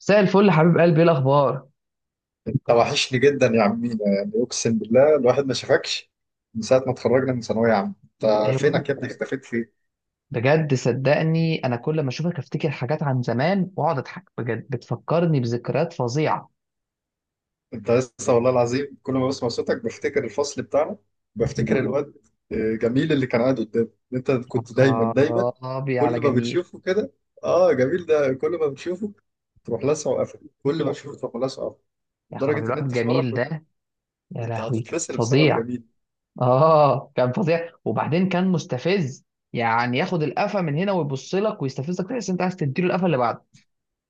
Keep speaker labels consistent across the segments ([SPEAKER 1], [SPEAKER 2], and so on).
[SPEAKER 1] مساء الفل حبيب قلبي، ايه الاخبار؟
[SPEAKER 2] انت وحشني جدا يا عمينا، يعني اقسم بالله الواحد ما شافكش من ساعه ما اتخرجنا من ثانويه عامه. انت
[SPEAKER 1] ايوه.
[SPEAKER 2] فينك يا ابني؟ اختفيت فين؟
[SPEAKER 1] بجد صدقني، انا كل ما اشوفك افتكر حاجات عن زمان واقعد اضحك. بجد بتفكرني بذكريات فظيعه.
[SPEAKER 2] انت لسه والله العظيم كل ما بسمع صوتك بفتكر الفصل بتاعنا. بفتكر الواد جميل اللي كان قاعد قدامي. انت
[SPEAKER 1] يا
[SPEAKER 2] كنت دايما دايما
[SPEAKER 1] خرابي على
[SPEAKER 2] كل ما
[SPEAKER 1] جميل.
[SPEAKER 2] بتشوفه كده اه جميل ده كل ما بتشوفه تروح لاسعه وقفل، كل ما تشوفه تروح لاسعه وقفل.
[SPEAKER 1] يا خرابي
[SPEAKER 2] لدرجه ان
[SPEAKER 1] الواد
[SPEAKER 2] انت في مره
[SPEAKER 1] جميل
[SPEAKER 2] كنت
[SPEAKER 1] ده. يا
[SPEAKER 2] كنت
[SPEAKER 1] لهوي
[SPEAKER 2] هتتفصل بسبب
[SPEAKER 1] فظيع.
[SPEAKER 2] جميل.
[SPEAKER 1] اه، كان فظيع وبعدين كان مستفز. يعني ياخد القفا من هنا ويبص لك ويستفزك، تحس انت عايز تديله القفا اللي بعده.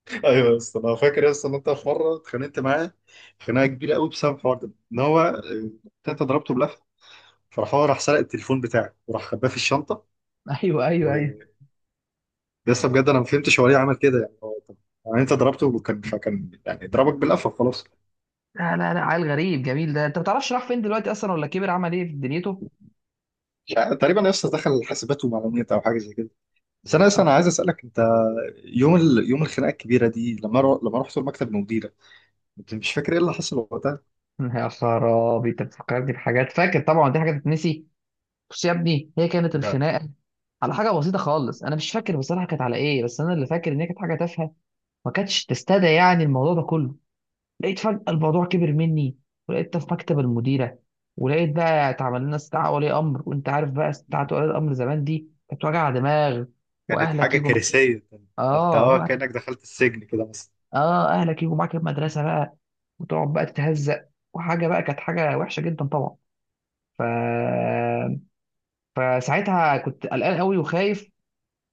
[SPEAKER 2] ايوه يا اسطى، انا فاكر يا اسطى ان انت في مره اتخانقت معاه خناقه كبيره قوي بسبب الحوار ده ان هو. انت ضربته بلفه، فراح هو راح سرق التليفون بتاعك وراح خباه في الشنطه.
[SPEAKER 1] ايوه، ايوه، ايوه.
[SPEAKER 2] ولسه بجد انا ما فهمتش هو ليه عمل كده، يعني هو طب يعني انت ضربته وكان فكان يعني ضربك بلفه خلاص.
[SPEAKER 1] لا، لا، لا، عيل غريب جميل ده. انت ما تعرفش راح فين دلوقتي اصلا، ولا كبر عمل ايه في دنيته؟
[SPEAKER 2] تقريبا يا اسطى دخل حاسبات ومعلومات او حاجه زي كده. بس انا اصلا انا عايز
[SPEAKER 1] آه.
[SPEAKER 2] اسالك انت، يوم الخناقه الكبيره دي لما لما رحت المكتب المديره، انت مش فاكر ايه اللي حصل وقتها؟
[SPEAKER 1] يا خرابي، انت بتفكرني بحاجات. فاكر طبعا، دي حاجه تتنسي. بص يا ابني، هي كانت
[SPEAKER 2] ده
[SPEAKER 1] الخناقه على حاجه بسيطه خالص. انا مش فاكر بصراحه كانت على ايه، بس انا اللي فاكر ان هي كانت حاجه تافهه. ما كانتش تستدعي يعني الموضوع ده كله. لقيت فجاه الموضوع كبر مني، ولقيت ده في مكتب المديره. ولقيت بقى اتعمل لنا استدعاء ولي امر، وانت عارف بقى استدعاء ولي الامر زمان دي كانت وجع دماغ.
[SPEAKER 2] كانت
[SPEAKER 1] واهلك
[SPEAKER 2] حاجه
[SPEAKER 1] يجوا معاك.
[SPEAKER 2] كارثيه، ده انت
[SPEAKER 1] اه،
[SPEAKER 2] كانك دخلت السجن كده مثلا.
[SPEAKER 1] اه، اهلك يجوا معاك المدرسه بقى. وتقعد بقى تتهزق. وحاجه بقى كانت حاجه وحشه جدا طبعا. ف... فساعتها كنت قلقان قوي وخايف.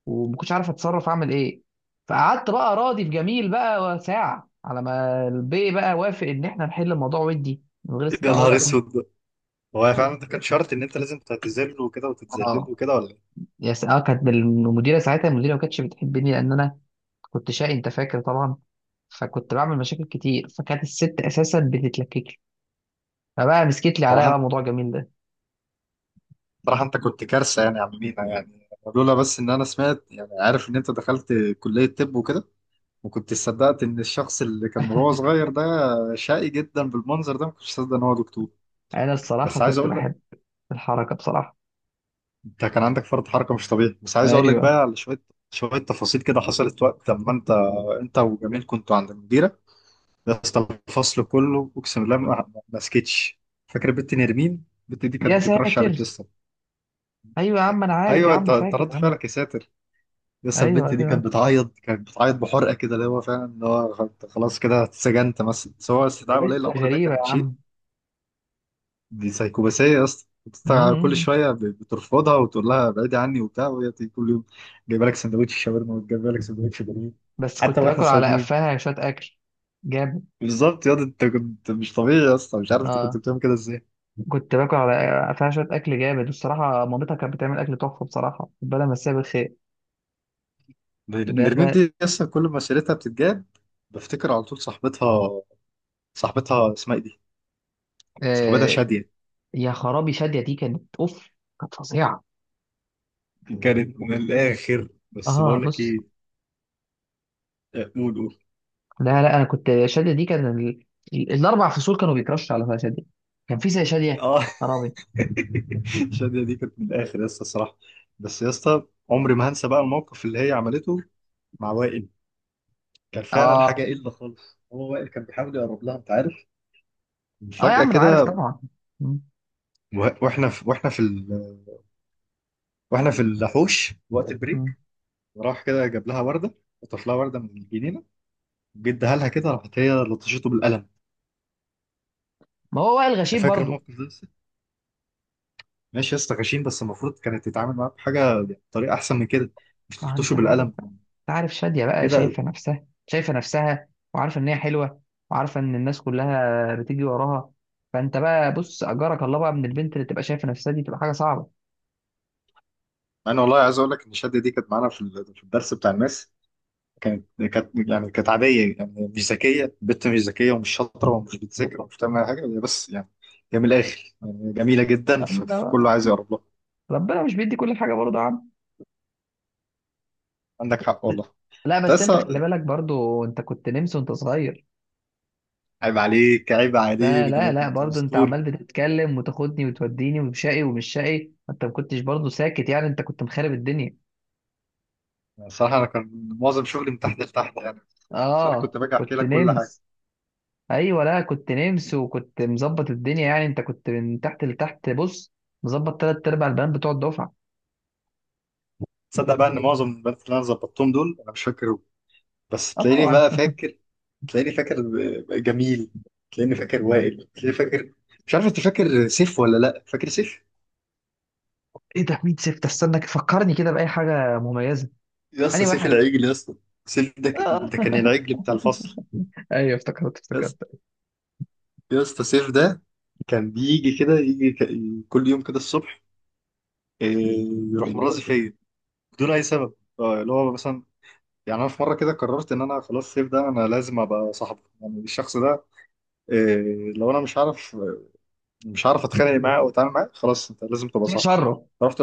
[SPEAKER 1] وما كنتش عارف اتصرف اعمل ايه. فقعدت بقى راضي في جميل بقى ساعه، على ما البي بقى وافق ان احنا نحل الموضوع ودي من غير
[SPEAKER 2] يا
[SPEAKER 1] استدعاء
[SPEAKER 2] نهار
[SPEAKER 1] ولا امر.
[SPEAKER 2] اسود! هو فعلا ده كان شرط ان انت لازم تعتذر له وكده وتتذلل له
[SPEAKER 1] اه،
[SPEAKER 2] كده ولا ايه؟
[SPEAKER 1] اه، كانت المديره ساعتها، المديره ما كانتش بتحبني لان انا كنت شقي. انت فاكر طبعا. فكنت بعمل مشاكل كتير، فكانت الست اساسا بتتلكك لي. فبقى مسكت لي عليا
[SPEAKER 2] صراحه
[SPEAKER 1] بقى موضوع جميل ده.
[SPEAKER 2] صراحه انت كنت كارثه يعني يا عم مينا يعني. لولا بس ان انا سمعت يعني، عارف ان انت دخلت كليه طب وكده، وكنت صدقت ان الشخص اللي كان وهو صغير ده شقي جدا بالمنظر ده، ما كنتش صدق ان هو دكتور.
[SPEAKER 1] انا الصراحه
[SPEAKER 2] بس عايز
[SPEAKER 1] كنت
[SPEAKER 2] اقول لك،
[SPEAKER 1] بحب الحركه بصراحه.
[SPEAKER 2] انت كان عندك فرط حركه مش طبيعي. بس عايز اقول لك
[SPEAKER 1] ايوه
[SPEAKER 2] بقى على شويه شويه تفاصيل كده حصلت وقت لما انت وجميل كنتوا عند المديره. يا اسطى الفصل كله اقسم بالله ما سكتش. فاكر البنت نرمين؟ البنت دي كانت
[SPEAKER 1] يا
[SPEAKER 2] بتكرش
[SPEAKER 1] ساتر.
[SPEAKER 2] عليك يا اسطى.
[SPEAKER 1] ايوه يا عم، انا عارف يا
[SPEAKER 2] ايوه انت
[SPEAKER 1] عم،
[SPEAKER 2] انت
[SPEAKER 1] فاكر
[SPEAKER 2] رد
[SPEAKER 1] يا عم.
[SPEAKER 2] فعلك يا ساتر! يا اسطى
[SPEAKER 1] ايوه،
[SPEAKER 2] البنت دي
[SPEAKER 1] ايوه،
[SPEAKER 2] كانت بتعيط، كانت بتعيط بحرقه كده، اللي هو فعلا اللي هو أنت خلاص كده اتسجنت مثلا، سواء استدعاء ولي
[SPEAKER 1] لبست
[SPEAKER 2] الامر ده
[SPEAKER 1] غريبه يا
[SPEAKER 2] كان شيء.
[SPEAKER 1] عم.
[SPEAKER 2] دي سايكوباسيه يا اسطى، أنت كل
[SPEAKER 1] مم.
[SPEAKER 2] شويه بترفضها وتقول لها بعيدي عني وبتاع، وهي تيجي كل يوم جايبه لك سندوتش شاورما وجايبه لك سندوتش بانيه،
[SPEAKER 1] بس
[SPEAKER 2] حتى
[SPEAKER 1] كنت
[SPEAKER 2] واحنا
[SPEAKER 1] باكل على
[SPEAKER 2] صايمين.
[SPEAKER 1] قفاها شويه اكل جامد.
[SPEAKER 2] بالظبط يا اسطى، انت كنت مش طبيعي يا اسطى، مش عارف انت كنت
[SPEAKER 1] اه،
[SPEAKER 2] بتعمل كده ازاي.
[SPEAKER 1] كنت باكل على قفاها شويه اكل جامد الصراحه. مامتها كانت بتعمل اكل تحفه بصراحه، ربنا مساها بالخير. ده.
[SPEAKER 2] نرمين دي لسه كل ما سيرتها بتتجاب بفتكر على طول صاحبتها. صاحبتها اسمها ايه دي؟ صاحبتها
[SPEAKER 1] آه،
[SPEAKER 2] شادية،
[SPEAKER 1] يا خرابي شاديه دي كانت اوف. كانت فظيعه.
[SPEAKER 2] كانت من الآخر. بس
[SPEAKER 1] اه،
[SPEAKER 2] بقول لك
[SPEAKER 1] بص.
[SPEAKER 2] ايه، قول قول.
[SPEAKER 1] لا، لا، انا كنت، شاديه دي كان الاربع فصول كانوا بيكرشوا على شاديه. كان في زي شاديه؟
[SPEAKER 2] اه
[SPEAKER 1] خرابي.
[SPEAKER 2] شادية دي كانت من الآخر يا اسطى الصراحة. بس يا اسطى عمري ما هنسى بقى الموقف اللي هي عملته مع وائل. كان فعلا حاجة
[SPEAKER 1] اه،
[SPEAKER 2] قلة خالص، هو وائل كان بيحاول يقرب لها، انت عارف،
[SPEAKER 1] اه، يا
[SPEAKER 2] فجأة
[SPEAKER 1] عم انا عارف
[SPEAKER 2] كده
[SPEAKER 1] طبعا. مم.
[SPEAKER 2] و- واحنا في واحنا في ال... واحنا في الحوش وقت
[SPEAKER 1] مم.
[SPEAKER 2] البريك، راح كده جاب لها وردة، خطف لها وردة من الجنينة جدا، قالها كده، راحت هي لطشته بالقلم.
[SPEAKER 1] ما هو وائل
[SPEAKER 2] انت
[SPEAKER 1] غشيب
[SPEAKER 2] فاكر
[SPEAKER 1] برضو.
[SPEAKER 2] الموقف ده لسه؟ ماشي يا اسطى غشيم، بس المفروض كانت تتعامل معاه بحاجه يعني بطريقه احسن من كده، مش
[SPEAKER 1] ما
[SPEAKER 2] تلطشه
[SPEAKER 1] انت عارف
[SPEAKER 2] بالقلم
[SPEAKER 1] بقى، انت عارف شادية بقى
[SPEAKER 2] كده.
[SPEAKER 1] شايفة نفسها، شايفة نفسها. وعارفة ان هي حلوة، وعارفة ان الناس كلها بتيجي وراها. فانت بقى بص، اجرك الله بقى، من البنت اللي تبقى شايفة نفسها دي تبقى حاجة صعبة.
[SPEAKER 2] انا والله عايز اقول لك ان الشده دي كانت معانا في في الدرس بتاع الماس. كانت كانت عاديه يعني، مش ذكيه، بنت مش ذكيه ومش شاطره ومش بتذاكر ومش بتعمل أي حاجه، هي بس يعني هي من الاخر يعني جميله جدا،
[SPEAKER 1] أما ده بقى،
[SPEAKER 2] فكله عايز يقرب لها.
[SPEAKER 1] ربنا مش بيدي كل حاجة برضه يا عم.
[SPEAKER 2] عندك حق والله.
[SPEAKER 1] لا بس، انت
[SPEAKER 2] تسا
[SPEAKER 1] خلي بالك برضه، انت كنت نمس وانت صغير.
[SPEAKER 2] عيب عليك عيب
[SPEAKER 1] لا،
[SPEAKER 2] عليك، ده
[SPEAKER 1] لا،
[SPEAKER 2] انا
[SPEAKER 1] لا،
[SPEAKER 2] كنت
[SPEAKER 1] برضه انت
[SPEAKER 2] اسطوري!
[SPEAKER 1] عمال بتتكلم وتاخدني وتوديني وشقي ومش شقي، انت ما كنتش برضه ساكت يعني، انت كنت مخرب الدنيا.
[SPEAKER 2] الصراحة أنا كان معظم شغلي من تحت لتحت يعني، بس أنا
[SPEAKER 1] اه،
[SPEAKER 2] كنت باجي أحكي
[SPEAKER 1] كنت
[SPEAKER 2] لك كل حاجة.
[SPEAKER 1] نمس. ايوه، لا، كنت نمس وكنت مظبط الدنيا يعني، انت كنت من تحت لتحت، بص، مظبط تلات ارباع البنات بتوع الدفعه.
[SPEAKER 2] تصدق بقى إن معظم البنات اللي أنا ظبطتهم دول أنا مش فاكرهم؟ بس
[SPEAKER 1] اه،
[SPEAKER 2] تلاقيني
[SPEAKER 1] طبعا.
[SPEAKER 2] بقى فاكر، تلاقيني فاكر جميل، تلاقيني فاكر وائل، تلاقيني فاكر مش عارف، أنت فاكر سيف ولا لأ؟ فاكر سيف؟
[SPEAKER 1] ايه ده، مين سيف ده؟ استنى فكرني كده باي حاجه مميزه.
[SPEAKER 2] يا اسطى
[SPEAKER 1] انهي
[SPEAKER 2] سيف
[SPEAKER 1] واحد؟
[SPEAKER 2] العجل يا اسطى! سيف ده ك-
[SPEAKER 1] آه.
[SPEAKER 2] ده كان العجل بتاع الفصل.
[SPEAKER 1] ايوه، افتكرت
[SPEAKER 2] يا
[SPEAKER 1] افتكرت.
[SPEAKER 2] اسطى، يا اسطى سيف ده كان بيجي كده، يجي كل يوم كده الصبح، إيه، يروح مرازي فيا بدون أي سبب. اللي هو مثلا يعني انا في مره كده قررت ان انا خلاص الصيف ده انا لازم ابقى صاحبه، يعني الشخص ده لو انا مش عارف اتخانق معاه او اتعامل معاه، خلاص انت لازم تبقى صاحبه.
[SPEAKER 1] شره.
[SPEAKER 2] رحت،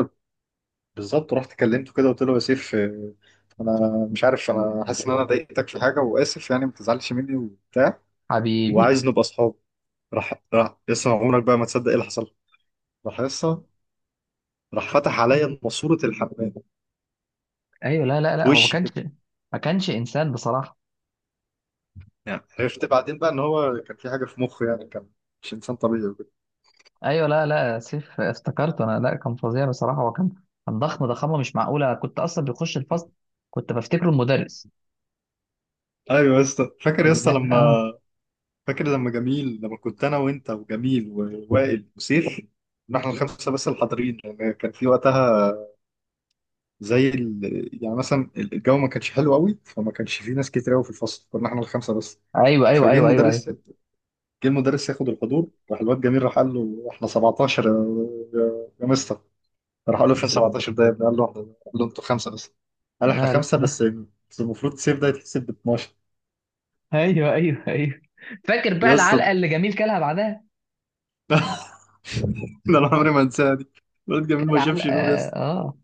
[SPEAKER 2] بالظبط رحت كلمته كده، قلت له يا سيف، انا مش عارف، انا حاسس ان انا ضايقتك في حاجه واسف يعني، ما تزعلش مني وبتاع
[SPEAKER 1] حبيبي.
[SPEAKER 2] وعايز نبقى اصحاب. راح لسه عمرك بقى ما تصدق ايه اللي حصل، راح لسه راح فتح عليا ماسوره الحمام
[SPEAKER 1] ايوه، لا، لا،
[SPEAKER 2] في
[SPEAKER 1] لا، هو ما
[SPEAKER 2] وشي
[SPEAKER 1] كانش،
[SPEAKER 2] كده.
[SPEAKER 1] ما كانش انسان بصراحه.
[SPEAKER 2] يعني عرفت بعدين بقى ان هو كان في حاجه في مخه، يعني كان مش انسان طبيعي.
[SPEAKER 1] ايوه، لا، لا، سيف، افتكرت انا. لا كان فظيع بصراحه. هو كان، كان ضخم ضخامه مش معقوله، كنت اصلا بيخش الفصل كنت بفتكره المدرس.
[SPEAKER 2] ايوه يا اسطى، فاكر يا
[SPEAKER 1] لا،
[SPEAKER 2] اسطى
[SPEAKER 1] لا،
[SPEAKER 2] لما،
[SPEAKER 1] اه.
[SPEAKER 2] فاكر لما جميل، لما كنت انا وانت وجميل ووائل وسيف، إن احنا الخمسه بس الحاضرين، لان كان في وقتها يعني مثلا الجو ما كانش حلو قوي، فما كانش في ناس كتير قوي في الفصل، كنا احنا الخمسه بس.
[SPEAKER 1] ايوه، ايوه،
[SPEAKER 2] فجه
[SPEAKER 1] ايوه، ايوه، ايوه.
[SPEAKER 2] المدرس، جه المدرس ياخد الحضور، راح الواد جميل راح قال له احنا 17 يا يا مستر، راح قال له فين 17 ده يا ابني؟ قال له، انتوا خمسه بس، قال احنا
[SPEAKER 1] لا،
[SPEAKER 2] خمسه بس،
[SPEAKER 1] لا،
[SPEAKER 2] بس المفروض سيف ده يتحسب ب 12.
[SPEAKER 1] ايوه، ايوه، ايوه، فاكر بقى
[SPEAKER 2] يا
[SPEAKER 1] العلقه
[SPEAKER 2] اسطى
[SPEAKER 1] اللي جميل كلها بعدها.
[SPEAKER 2] ده انا عمري ما انساها دي! الواد جميل
[SPEAKER 1] كل
[SPEAKER 2] ما
[SPEAKER 1] علقه.
[SPEAKER 2] شافش نور يا اسطى،
[SPEAKER 1] اه.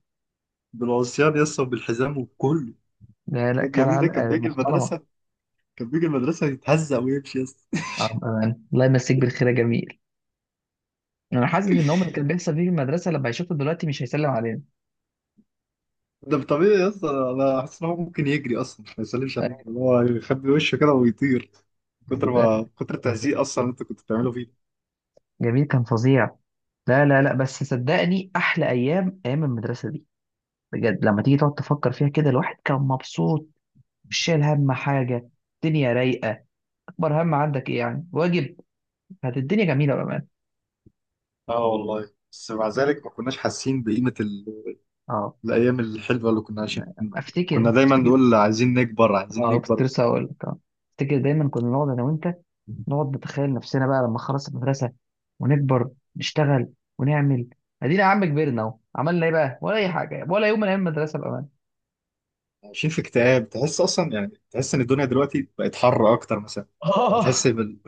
[SPEAKER 2] بالعصيان يا اسطى وبالحزام وبكله.
[SPEAKER 1] لا، لا،
[SPEAKER 2] الواد
[SPEAKER 1] كل
[SPEAKER 2] جميل ده كان
[SPEAKER 1] علقه
[SPEAKER 2] بيجي
[SPEAKER 1] محترمه.
[SPEAKER 2] المدرسه، كان بيجي المدرسه يتهزق ويمشي يا اسطى
[SPEAKER 1] اه، بأمان. الله يمسيك بالخير يا جميل. انا حاسس ان هم اللي كان بيحصل فيه في المدرسه لما يشوفوا دلوقتي مش هيسلم علينا.
[SPEAKER 2] ده طبيعي يا اسطى، انا حاسس ان هو ممكن يجري اصلا ما يسلمش عليك، اللي هو يخبي وشه كده ويطير، كتر
[SPEAKER 1] لا،
[SPEAKER 2] ما كتر التهزيق اصلا اللي انت كنت بتعمله فيه.
[SPEAKER 1] جميل كان فظيع. لا، لا، لا، بس صدقني احلى ايام ايام المدرسه دي. بجد لما تيجي تقعد تفكر فيها كده، الواحد كان مبسوط، مش شايل هم حاجه، الدنيا رايقه. اكبر هم عندك ايه يعني؟ واجب. كانت الدنيا جميله، بأمان.
[SPEAKER 2] اه والله بس مع ذلك ما كناش حاسين بقيمة
[SPEAKER 1] اه،
[SPEAKER 2] الأيام الحلوة اللي كنا عايشين. كنا
[SPEAKER 1] افتكر
[SPEAKER 2] دايما
[SPEAKER 1] افتكر.
[SPEAKER 2] نقول عايزين نكبر، عايزين
[SPEAKER 1] اه، كنت
[SPEAKER 2] نكبر.
[SPEAKER 1] لسه هقول لك، اه. افتكر دايما كنا نقعد انا وانت، نقعد نتخيل نفسنا بقى لما خلص المدرسه، ونكبر، نشتغل، ونعمل. ادينا يا عم كبرنا اهو، عملنا ايه بقى؟ ولا اي حاجه، ولا يوم من ايام المدرسه، بامان.
[SPEAKER 2] عايشين في اكتئاب، تحس اصلا يعني تحس ان الدنيا دلوقتي بقت حر اكتر مثلا، يعني تحس
[SPEAKER 1] اه.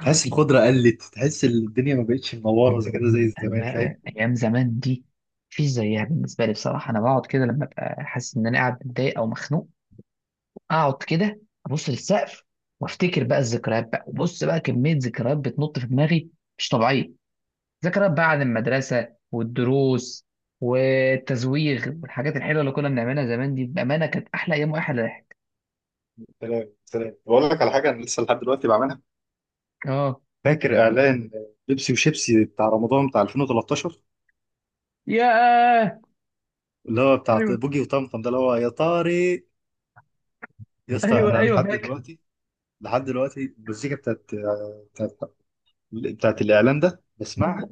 [SPEAKER 2] تحس الخضره قلت، تحس الدنيا ما بقتش منوره زي كده زي زمان
[SPEAKER 1] لا،
[SPEAKER 2] فاهم؟
[SPEAKER 1] لا، ايام زمان دي مفيش زيها بالنسبه لي بصراحه. انا بقعد كده لما ابقى حاسس ان انا قاعد متضايق او مخنوق، اقعد كده ابص للسقف، وافتكر بقى الذكريات بقى، وبص بقى كميه ذكريات بتنط في دماغي مش طبيعيه. ذكريات بقى عن المدرسة والدروس والتزويغ والحاجات الحلوة اللي كنا بنعملها زمان دي، بأمانة كانت أحلى أيام وأحلى ضحك.
[SPEAKER 2] سلام سلام، بقول لك على حاجه انا لسه لحد دلوقتي بعملها.
[SPEAKER 1] اه.
[SPEAKER 2] فاكر اعلان بيبسي وشيبسي بتاع رمضان بتاع 2013،
[SPEAKER 1] ياه.
[SPEAKER 2] اللي هو بتاع
[SPEAKER 1] ايوه،
[SPEAKER 2] بوجي وطمطم ده، اللي هو يا طارق. يا اسطى
[SPEAKER 1] ايوه،
[SPEAKER 2] انا
[SPEAKER 1] ايوه،
[SPEAKER 2] لحد
[SPEAKER 1] فاكر.
[SPEAKER 2] دلوقتي، لحد دلوقتي المزيكا بتاعت, بتاعت الاعلان ده بسمعها،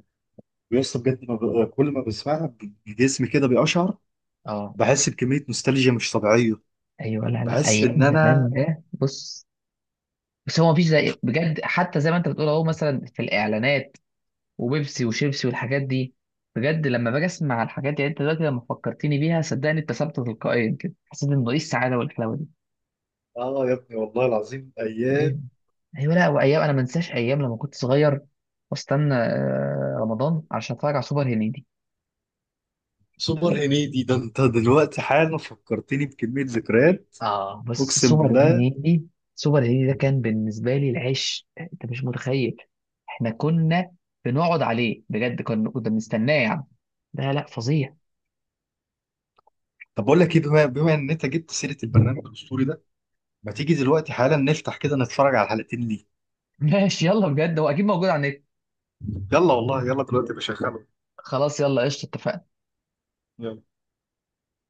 [SPEAKER 2] ويا اسطى بجد ما كل ما بسمعها جسمي كده بيقشعر،
[SPEAKER 1] اه،
[SPEAKER 2] بحس بكمية نوستالجيا مش طبيعية،
[SPEAKER 1] ايوه، لا، لا،
[SPEAKER 2] بحس
[SPEAKER 1] ايام
[SPEAKER 2] إن
[SPEAKER 1] زمان
[SPEAKER 2] أنا.
[SPEAKER 1] ده، بص. بس هو مفيش زي، بجد حتى زي ما انت بتقول اهو، مثلا في الاعلانات وبيبسي وشيبسي والحاجات دي، بجد لما باجي اسمع الحاجات دي يعني، انت دلوقتي لما فكرتني بيها صدقني ابتسمت تلقائيا كده، حسيت انه ايه السعاده والحلاوه دي.
[SPEAKER 2] يا ابني والله العظيم
[SPEAKER 1] ايوه.
[SPEAKER 2] أيام!
[SPEAKER 1] ايوه، لا، وايام انا ما انساش ايام لما كنت صغير واستنى رمضان عشان اتفرج على سوبر هنيدي.
[SPEAKER 2] سوبر هنيدي ده أنت دلوقتي حالا فكرتني بكمية ذكريات،
[SPEAKER 1] اه، بس
[SPEAKER 2] أقسم
[SPEAKER 1] سوبر
[SPEAKER 2] بالله.
[SPEAKER 1] هنيدي، سوبر هنيدي ده كان بالنسبه لي العيش، انت مش متخيل. احنا كنا بنقعد عليه بجد. كنا بنستناه يعني. لا، لا، فظيع.
[SPEAKER 2] طب بقول لك إيه، بما إن أنت جبت سيرة البرنامج الأسطوري ده، ما تيجي دلوقتي حالا نفتح كده نتفرج على الحلقتين ليه؟
[SPEAKER 1] ماشي، يلا بجد هو اكيد موجود على النت.
[SPEAKER 2] يلا والله، يلا دلوقتي بشغله.
[SPEAKER 1] خلاص، يلا، قشطه، اتفقنا.
[SPEAKER 2] يلا.